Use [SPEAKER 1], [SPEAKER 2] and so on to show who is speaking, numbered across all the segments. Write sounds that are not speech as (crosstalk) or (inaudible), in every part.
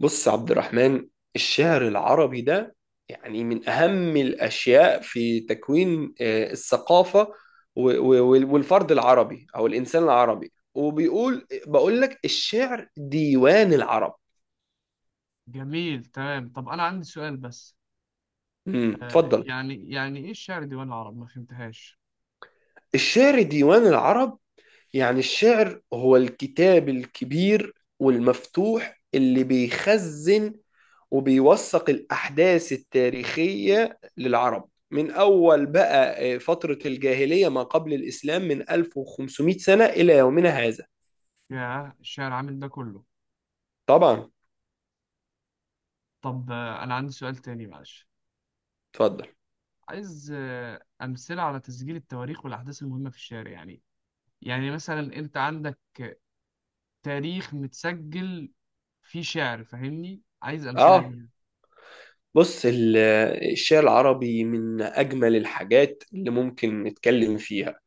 [SPEAKER 1] بص يا عبد الرحمن، الشعر العربي ده يعني من أهم الأشياء في تكوين الثقافة والفرد العربي أو الإنسان العربي، بقول لك الشعر ديوان العرب.
[SPEAKER 2] جميل، تمام. طب أنا عندي سؤال بس. آه
[SPEAKER 1] اتفضل.
[SPEAKER 2] يعني يعني إيه الشعر ديوان العرب؟ ما فهمتهاش.
[SPEAKER 1] الشعر ديوان العرب يعني الشعر هو الكتاب الكبير والمفتوح اللي بيخزن وبيوثق الأحداث التاريخية للعرب من أول بقى، فترة الجاهلية ما قبل الإسلام من 1500 سنة إلى يومنا هذا.
[SPEAKER 2] يا الشعر عامل ده كله؟
[SPEAKER 1] طبعا.
[SPEAKER 2] طب أنا عندي سؤال تاني، معلش.
[SPEAKER 1] اتفضل.
[SPEAKER 2] عايز أمثلة على تسجيل التواريخ والأحداث المهمة في الشعر، يعني. يعني مثلا أنت عندك تاريخ متسجل فيه شعر، فاهمني؟ عايز أمثلة
[SPEAKER 1] اه.
[SPEAKER 2] ليها.
[SPEAKER 1] بص الشعر العربي من أجمل الحاجات اللي ممكن نتكلم فيها.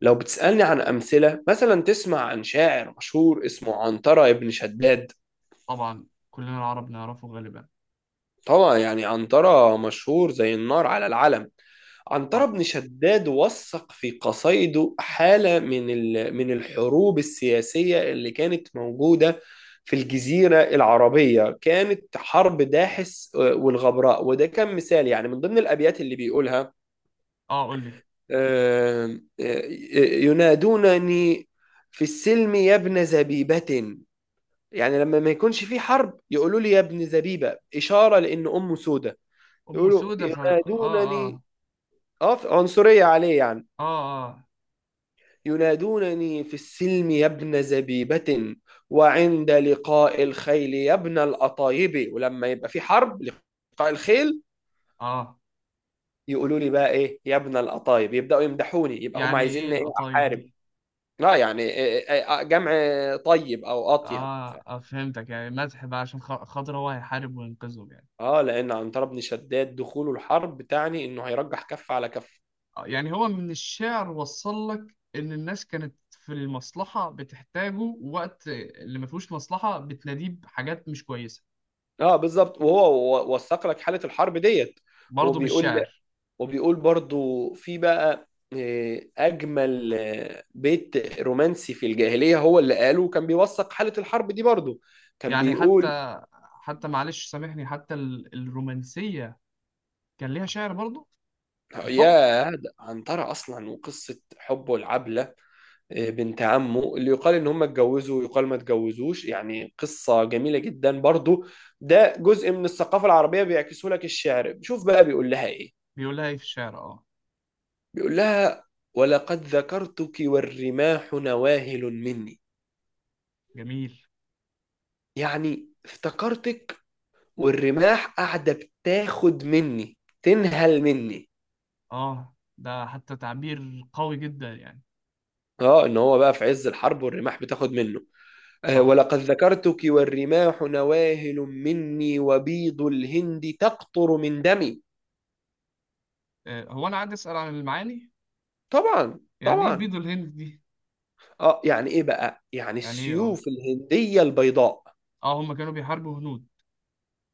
[SPEAKER 1] لو بتسألني عن أمثلة، مثلا تسمع عن شاعر مشهور اسمه عنترة ابن شداد.
[SPEAKER 2] طبعا كلنا العرب نعرفه غالبا.
[SPEAKER 1] طبعا، يعني عنترة مشهور زي النار على العلم. عنترة
[SPEAKER 2] صح.
[SPEAKER 1] بن شداد وثق في قصائده حالة من الحروب السياسية اللي كانت موجودة في الجزيرة العربية. كانت حرب داحس والغبراء، وده كان مثال يعني من ضمن الأبيات اللي بيقولها.
[SPEAKER 2] اه قول لي.
[SPEAKER 1] آه، آه، ينادونني في السلم يا ابن زبيبة، يعني لما ما يكونش في حرب يقولوا لي يا ابن زبيبة، إشارة لأن أمه سودة.
[SPEAKER 2] أم
[SPEAKER 1] يقولوا
[SPEAKER 2] سودة، اه.
[SPEAKER 1] ينادونني.
[SPEAKER 2] اه.
[SPEAKER 1] اه، عنصرية عليه يعني.
[SPEAKER 2] اه. اه.
[SPEAKER 1] ينادونني في السلم يا ابن زبيبة، وعند لقاء الخيل يا ابن القطايب. ولما يبقى في حرب لقاء الخيل
[SPEAKER 2] اه.
[SPEAKER 1] يقولوا لي بقى ايه؟ يا ابن القطايب، يبدأوا يمدحوني، يبقى هم
[SPEAKER 2] يعني إيه
[SPEAKER 1] عايزيني ايه؟
[SPEAKER 2] القطايف
[SPEAKER 1] احارب.
[SPEAKER 2] دي؟
[SPEAKER 1] لا يعني جمع طيب او اطيب
[SPEAKER 2] آه، فهمتك، يعني مدح بقى عشان خاطر هو هيحارب وينقذهم يعني.
[SPEAKER 1] اه، لان عنتر بن شداد دخوله الحرب تعني انه هيرجح كف على كف.
[SPEAKER 2] آه، يعني هو من الشعر وصل لك إن الناس كانت في المصلحة بتحتاجه، وقت اللي ما فيهوش مصلحة بتناديه بحاجات مش كويسة.
[SPEAKER 1] اه، بالظبط. وهو وثق لك حالة الحرب ديت.
[SPEAKER 2] برضه
[SPEAKER 1] وبيقول
[SPEAKER 2] بالشعر.
[SPEAKER 1] وبيقول برضو في بقى، أجمل بيت رومانسي في الجاهلية هو اللي قاله، وكان بيوثق حالة الحرب دي برضو. كان
[SPEAKER 2] يعني
[SPEAKER 1] بيقول.
[SPEAKER 2] حتى معلش سامحني، حتى الرومانسية كان ليها شعر برضه؟ الحب؟
[SPEAKER 1] يا ده عنترة أصلا وقصة حبه العبلة، بنت عمه اللي يقال إن هم اتجوزوا ويقال ما اتجوزوش، يعني قصة جميلة جدا برضو. ده جزء من الثقافة العربية بيعكسه لك الشعر. شوف بقى بيقول لها إيه.
[SPEAKER 2] بيقول لها إيه في الشعر؟ آه.
[SPEAKER 1] بيقول لها: ولقد ذكرتك والرماح نواهل مني.
[SPEAKER 2] جميل.
[SPEAKER 1] يعني افتكرتك والرماح قاعدة بتاخد مني، تنهل مني.
[SPEAKER 2] آه، ده حتى تعبير قوي جدا يعني.
[SPEAKER 1] اه، ان هو بقى في عز الحرب والرماح بتاخد منه.
[SPEAKER 2] صح.
[SPEAKER 1] ولقد ذكرتك والرماح نواهل مني وبيض الهند تقطر من دمي.
[SPEAKER 2] آه، هو أنا عادي أسأل عن المعاني؟
[SPEAKER 1] طبعا،
[SPEAKER 2] يعني إيه
[SPEAKER 1] طبعا.
[SPEAKER 2] بيض الهند دي؟
[SPEAKER 1] اه، يعني ايه بقى؟ يعني
[SPEAKER 2] يعني ايه؟ اه.
[SPEAKER 1] السيوف الهندية البيضاء.
[SPEAKER 2] اه هم كانوا بيحاربوا هنود؟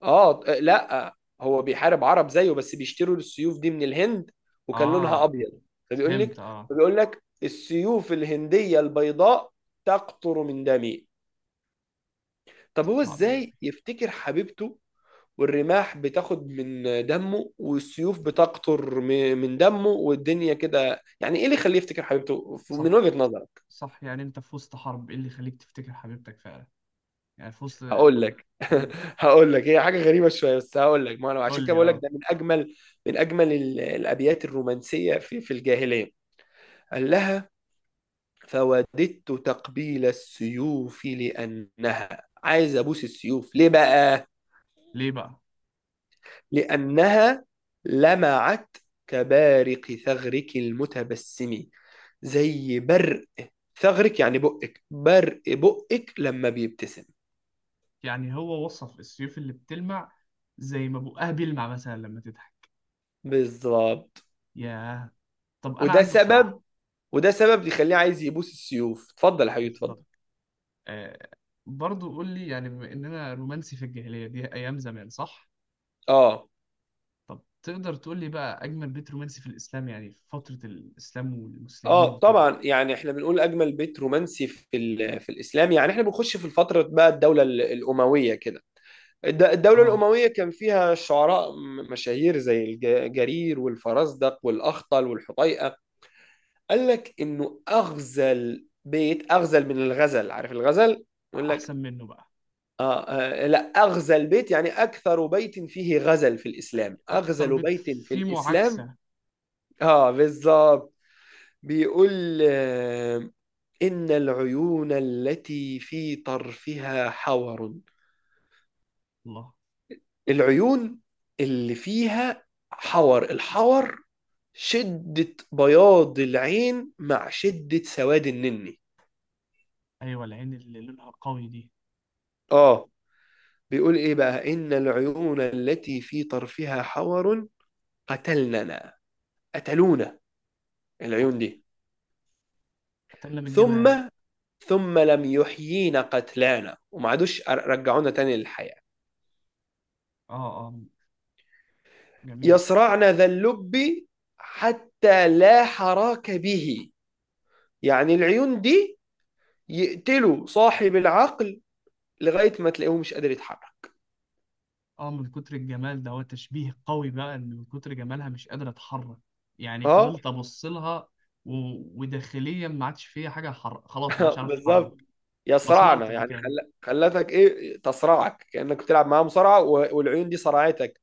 [SPEAKER 1] اه، لا هو بيحارب عرب زيه، بس بيشتروا السيوف دي من الهند وكان لونها
[SPEAKER 2] اه،
[SPEAKER 1] ابيض. فبيقول
[SPEAKER 2] فهمت.
[SPEAKER 1] لك
[SPEAKER 2] اه.
[SPEAKER 1] فبيقول لك السيوف الهنديه البيضاء تقطر من دمي. طب هو
[SPEAKER 2] تطلع من دمي.
[SPEAKER 1] ازاي يفتكر حبيبته، والرماح بتاخد من دمه والسيوف بتقطر من دمه والدنيا كده؟ يعني ايه اللي يخليه يفتكر حبيبته من
[SPEAKER 2] صح.
[SPEAKER 1] وجهة نظر.
[SPEAKER 2] صح، يعني انت في وسط حرب، ايه اللي يخليك تفتكر حبيبتك فعلا؟ يعني في وسط.
[SPEAKER 1] هقول لك. (laughs)
[SPEAKER 2] مم.
[SPEAKER 1] هقول لك، هي حاجه غريبه شويه بس هقول لك، ما انا
[SPEAKER 2] قول
[SPEAKER 1] عشان كده
[SPEAKER 2] لي
[SPEAKER 1] بقول لك
[SPEAKER 2] اه.
[SPEAKER 1] ده من اجمل الابيات الرومانسيه في الجاهليه. قال لها: فوددت تقبيل السيوف لانها. عايز ابوس السيوف ليه بقى؟
[SPEAKER 2] ليه بقى؟
[SPEAKER 1] لانها لمعت كبارق ثغرك المتبسم. زي برق ثغرك، يعني بقك، برق بقك لما بيبتسم.
[SPEAKER 2] يعني هو وصف السيوف اللي بتلمع زي ما بقها بيلمع مثلا لما تضحك.
[SPEAKER 1] بالظبط.
[SPEAKER 2] ياه. طب انا
[SPEAKER 1] وده
[SPEAKER 2] عندي سؤال.
[SPEAKER 1] سبب وده سبب يخليه عايز يبوس السيوف. اتفضل يا حبيبي، اتفضل.
[SPEAKER 2] بالظبط. آه. برضو قول لي، يعني بما اننا رومانسي في الجاهلية دي، ايام زمان صح؟
[SPEAKER 1] اه،
[SPEAKER 2] طب تقدر تقول لي بقى اجمل بيت رومانسي في الاسلام، يعني في فترة الاسلام والمسلمين
[SPEAKER 1] اه.
[SPEAKER 2] وكده؟
[SPEAKER 1] طبعا، يعني احنا بنقول اجمل بيت رومانسي في الاسلام، يعني احنا بنخش في الفتره بقى، الدوله الامويه كده. الدوله
[SPEAKER 2] اه.
[SPEAKER 1] الامويه كان فيها شعراء مشاهير زي جرير والفرزدق والاخطل والحطيئه. قال لك انه اغزل بيت، اغزل من الغزل، عارف الغزل؟ يقول لك،
[SPEAKER 2] احسن منه بقى.
[SPEAKER 1] لا، أغزل بيت يعني أكثر بيت فيه غزل في الإسلام،
[SPEAKER 2] اكتر
[SPEAKER 1] أغزل
[SPEAKER 2] بيض
[SPEAKER 1] بيت في
[SPEAKER 2] فيه
[SPEAKER 1] الإسلام.
[SPEAKER 2] معاكسة.
[SPEAKER 1] اه، بالظبط. بيقول إن العيون التي في طرفها حور.
[SPEAKER 2] الله.
[SPEAKER 1] العيون اللي فيها حور، الحور شدة بياض العين مع شدة سواد النني.
[SPEAKER 2] ايوه العين اللي لونها قوي دي.
[SPEAKER 1] اه، بيقول ايه بقى؟ إن العيون التي في طرفها حور قتلننا قتلونا،
[SPEAKER 2] أوف.
[SPEAKER 1] العيون دي.
[SPEAKER 2] قتلنا من الجمال.
[SPEAKER 1] ثم ثم لم يحيينا قتلانا، وما عادوش رجعونا تاني للحياة.
[SPEAKER 2] اه. اه. جميل.
[SPEAKER 1] يصرعن ذا اللب حتى لا حراك به، يعني العيون دي يقتلوا صاحب العقل لغاية ما تلاقيه مش قادر يتحرك.
[SPEAKER 2] اه، من كتر الجمال ده، هو تشبيه قوي بقى، ان من كتر جمالها مش قادرة اتحرك. يعني
[SPEAKER 1] اه.
[SPEAKER 2] فضلت ابص لها و... وداخليا ما عادش فيها حاجة خلاص ما عادش
[SPEAKER 1] (laughs)
[SPEAKER 2] عارف
[SPEAKER 1] بالظبط.
[SPEAKER 2] اتحرك.
[SPEAKER 1] يصرعن
[SPEAKER 2] مسمرت
[SPEAKER 1] يعني
[SPEAKER 2] مكاني.
[SPEAKER 1] خلتك ايه، تصرعك كأنك بتلعب معاه مصارعة والعيون دي صرعتك.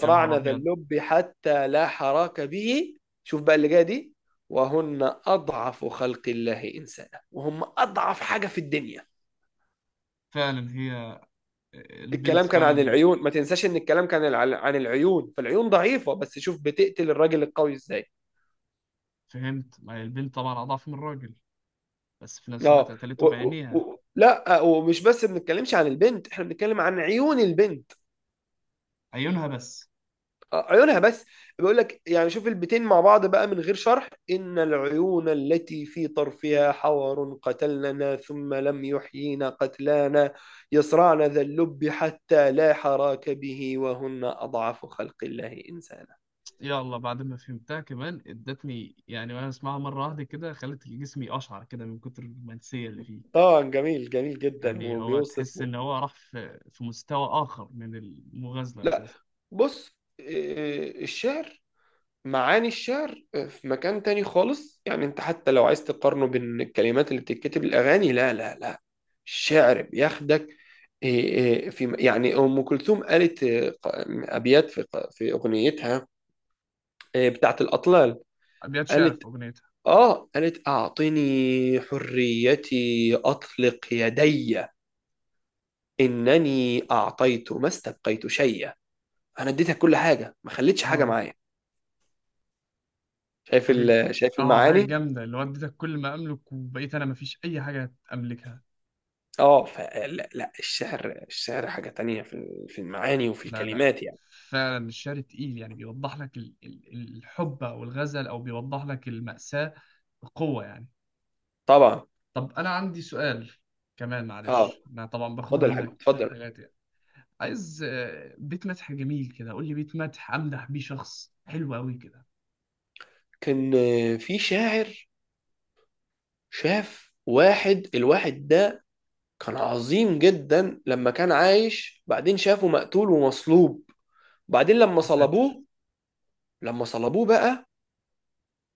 [SPEAKER 2] يا نهار
[SPEAKER 1] ذا
[SPEAKER 2] ابيض.
[SPEAKER 1] اللب حتى لا حراك به. شوف بقى اللي جايه دي: وهن أضعف خلق الله إنسانا. وهم أضعف حاجة في الدنيا.
[SPEAKER 2] فعلا هي، البنت
[SPEAKER 1] الكلام كان عن
[SPEAKER 2] فعلا.
[SPEAKER 1] العيون، ما تنساش ان الكلام كان عن العيون، فالعيون ضعيفة، بس شوف بتقتل الراجل القوي ازاي.
[SPEAKER 2] فهمت، ما هي البنت طبعا اضعف من الراجل، بس في نفس الوقت
[SPEAKER 1] اه.
[SPEAKER 2] قتلته بعينيها.
[SPEAKER 1] لا، ومش بس بنتكلمش عن البنت، احنا بنتكلم عن عيون البنت.
[SPEAKER 2] عيونها بس.
[SPEAKER 1] عيونها بس. بيقول لك، يعني شوف البيتين مع بعض بقى من غير شرح: ان العيون التي في طرفها حور قتلنا ثم لم يحيينا قتلانا، يصرعن ذا اللب حتى لا حراك به وهن اضعف خلق الله انسانا.
[SPEAKER 2] يا الله، بعد ما فهمتها كمان ادتني يعني، وانا اسمعها مره واحده كده، خلت جسمي اشعر كده من كتر الرومانسيه اللي فيه.
[SPEAKER 1] طبعا، جميل جميل جدا،
[SPEAKER 2] يعني هو
[SPEAKER 1] وبيوصف.
[SPEAKER 2] تحس ان هو راح في في مستوى اخر من المغازله
[SPEAKER 1] لا،
[SPEAKER 2] اساسا.
[SPEAKER 1] بص، معاني الشعر في مكان تاني خالص، يعني انت حتى لو عايز تقارنه بين الكلمات اللي بتتكتب الأغاني، لا، لا، لا، الشعر بياخدك. إيه، إيه، في، يعني أم كلثوم قالت أبيات في في أغنيتها بتاعت الأطلال.
[SPEAKER 2] ابيات شعر
[SPEAKER 1] قالت
[SPEAKER 2] في اغنيتها؟
[SPEAKER 1] آه قالت أعطني حريتي أطلق يدي، إنني أعطيت ما استبقيت شيئا. أنا اديتك كل حاجة، ما خليتش حاجة
[SPEAKER 2] اه،
[SPEAKER 1] معايا. شايف
[SPEAKER 2] حاجه.
[SPEAKER 1] شايف
[SPEAKER 2] اه حاجه
[SPEAKER 1] المعاني؟
[SPEAKER 2] جامده، اللي وديتك كل ما املك وبقيت انا مفيش اي حاجه املكها.
[SPEAKER 1] اه لا، لا، الشعر حاجة تانية في المعاني وفي
[SPEAKER 2] لا لا،
[SPEAKER 1] الكلمات يعني.
[SPEAKER 2] فعلا الشعر تقيل، يعني بيوضح لك الحب او الغزل، او بيوضح لك المأساة بقوه يعني.
[SPEAKER 1] طبعا.
[SPEAKER 2] طب انا عندي سؤال كمان،
[SPEAKER 1] اه،
[SPEAKER 2] معلش انا طبعا باخد
[SPEAKER 1] اتفضل يا حبيبي،
[SPEAKER 2] منك
[SPEAKER 1] اتفضل.
[SPEAKER 2] حاجات يعني. عايز آه، بيت مدح جميل كده، قول لي بيت مدح امدح بيه شخص حلو قوي كده.
[SPEAKER 1] كان في شاعر. شاف واحد، الواحد ده كان عظيم جدا لما كان عايش، بعدين شافه مقتول ومصلوب. بعدين لما
[SPEAKER 2] يا ساتر.
[SPEAKER 1] صلبوه، بقى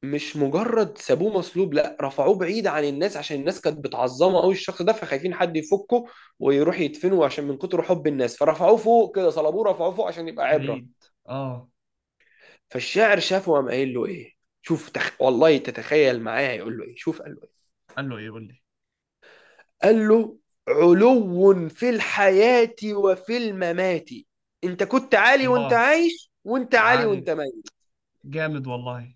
[SPEAKER 1] مش مجرد سابوه مصلوب، لا، رفعوه بعيد عن الناس عشان الناس كانت بتعظمه قوي الشخص ده، فخايفين حد يفكه ويروح يدفنه، عشان من كتر حب الناس. فرفعوه فوق كده، صلبوه رفعوه فوق عشان يبقى
[SPEAKER 2] بعيد.
[SPEAKER 1] عبرة.
[SPEAKER 2] اه.
[SPEAKER 1] فالشاعر شافه وقام قايل له ايه. شوف، والله تتخيل معايا يقول له ايه؟ شوف قال له ايه.
[SPEAKER 2] قال له ايه؟ قول لي.
[SPEAKER 1] قال له: علو في الحياة وفي الممات. انت كنت عالي وانت
[SPEAKER 2] الله.
[SPEAKER 1] عايش، وانت عالي
[SPEAKER 2] وعالي.
[SPEAKER 1] وانت ميت.
[SPEAKER 2] جامد والله.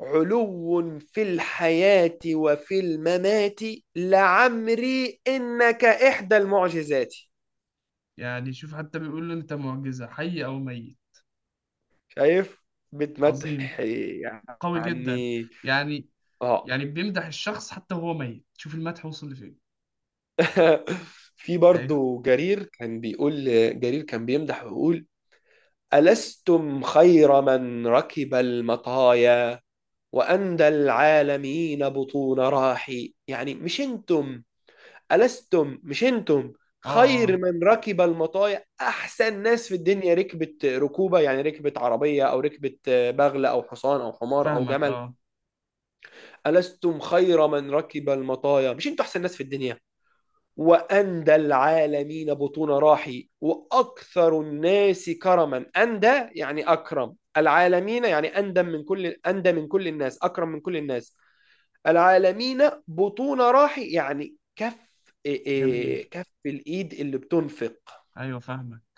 [SPEAKER 1] علو في الحياة وفي الممات، لعمري إنك إحدى المعجزات.
[SPEAKER 2] يعني شوف حتى بيقول له انت معجزة، حي او ميت.
[SPEAKER 1] شايف؟
[SPEAKER 2] عظيم،
[SPEAKER 1] بتمدح
[SPEAKER 2] قوي جدا
[SPEAKER 1] يعني.
[SPEAKER 2] يعني.
[SPEAKER 1] اه.
[SPEAKER 2] يعني بيمدح الشخص حتى وهو ميت، شوف المدح وصل لفين.
[SPEAKER 1] (laughs) (applause) في
[SPEAKER 2] ايوه.
[SPEAKER 1] برضو جرير كان بيمدح ويقول: ألستم خير من ركب المطايا وأندى العالمين بطون راحي. يعني مش انتم، ألستم مش أنتم،
[SPEAKER 2] اه. اه.
[SPEAKER 1] خير
[SPEAKER 2] آه.
[SPEAKER 1] من ركب المطايا، أحسن ناس في الدنيا ركبت ركوبة، يعني ركبت عربية أو ركبت بغل أو حصان أو حمار أو
[SPEAKER 2] فاهمك
[SPEAKER 1] جمل.
[SPEAKER 2] اه.
[SPEAKER 1] ألستم خير من ركب المطايا، مش أنتم أحسن ناس في الدنيا. وأندى العالمين بطون راحي، وأكثر الناس كرما. أندى يعني أكرم العالمين، يعني أندى من كل الناس، أكرم من كل الناس. العالمين بطون راحي، يعني كف، إيه إيه
[SPEAKER 2] جميل.
[SPEAKER 1] كف الإيد اللي بتنفق.
[SPEAKER 2] ايوه فاهمك.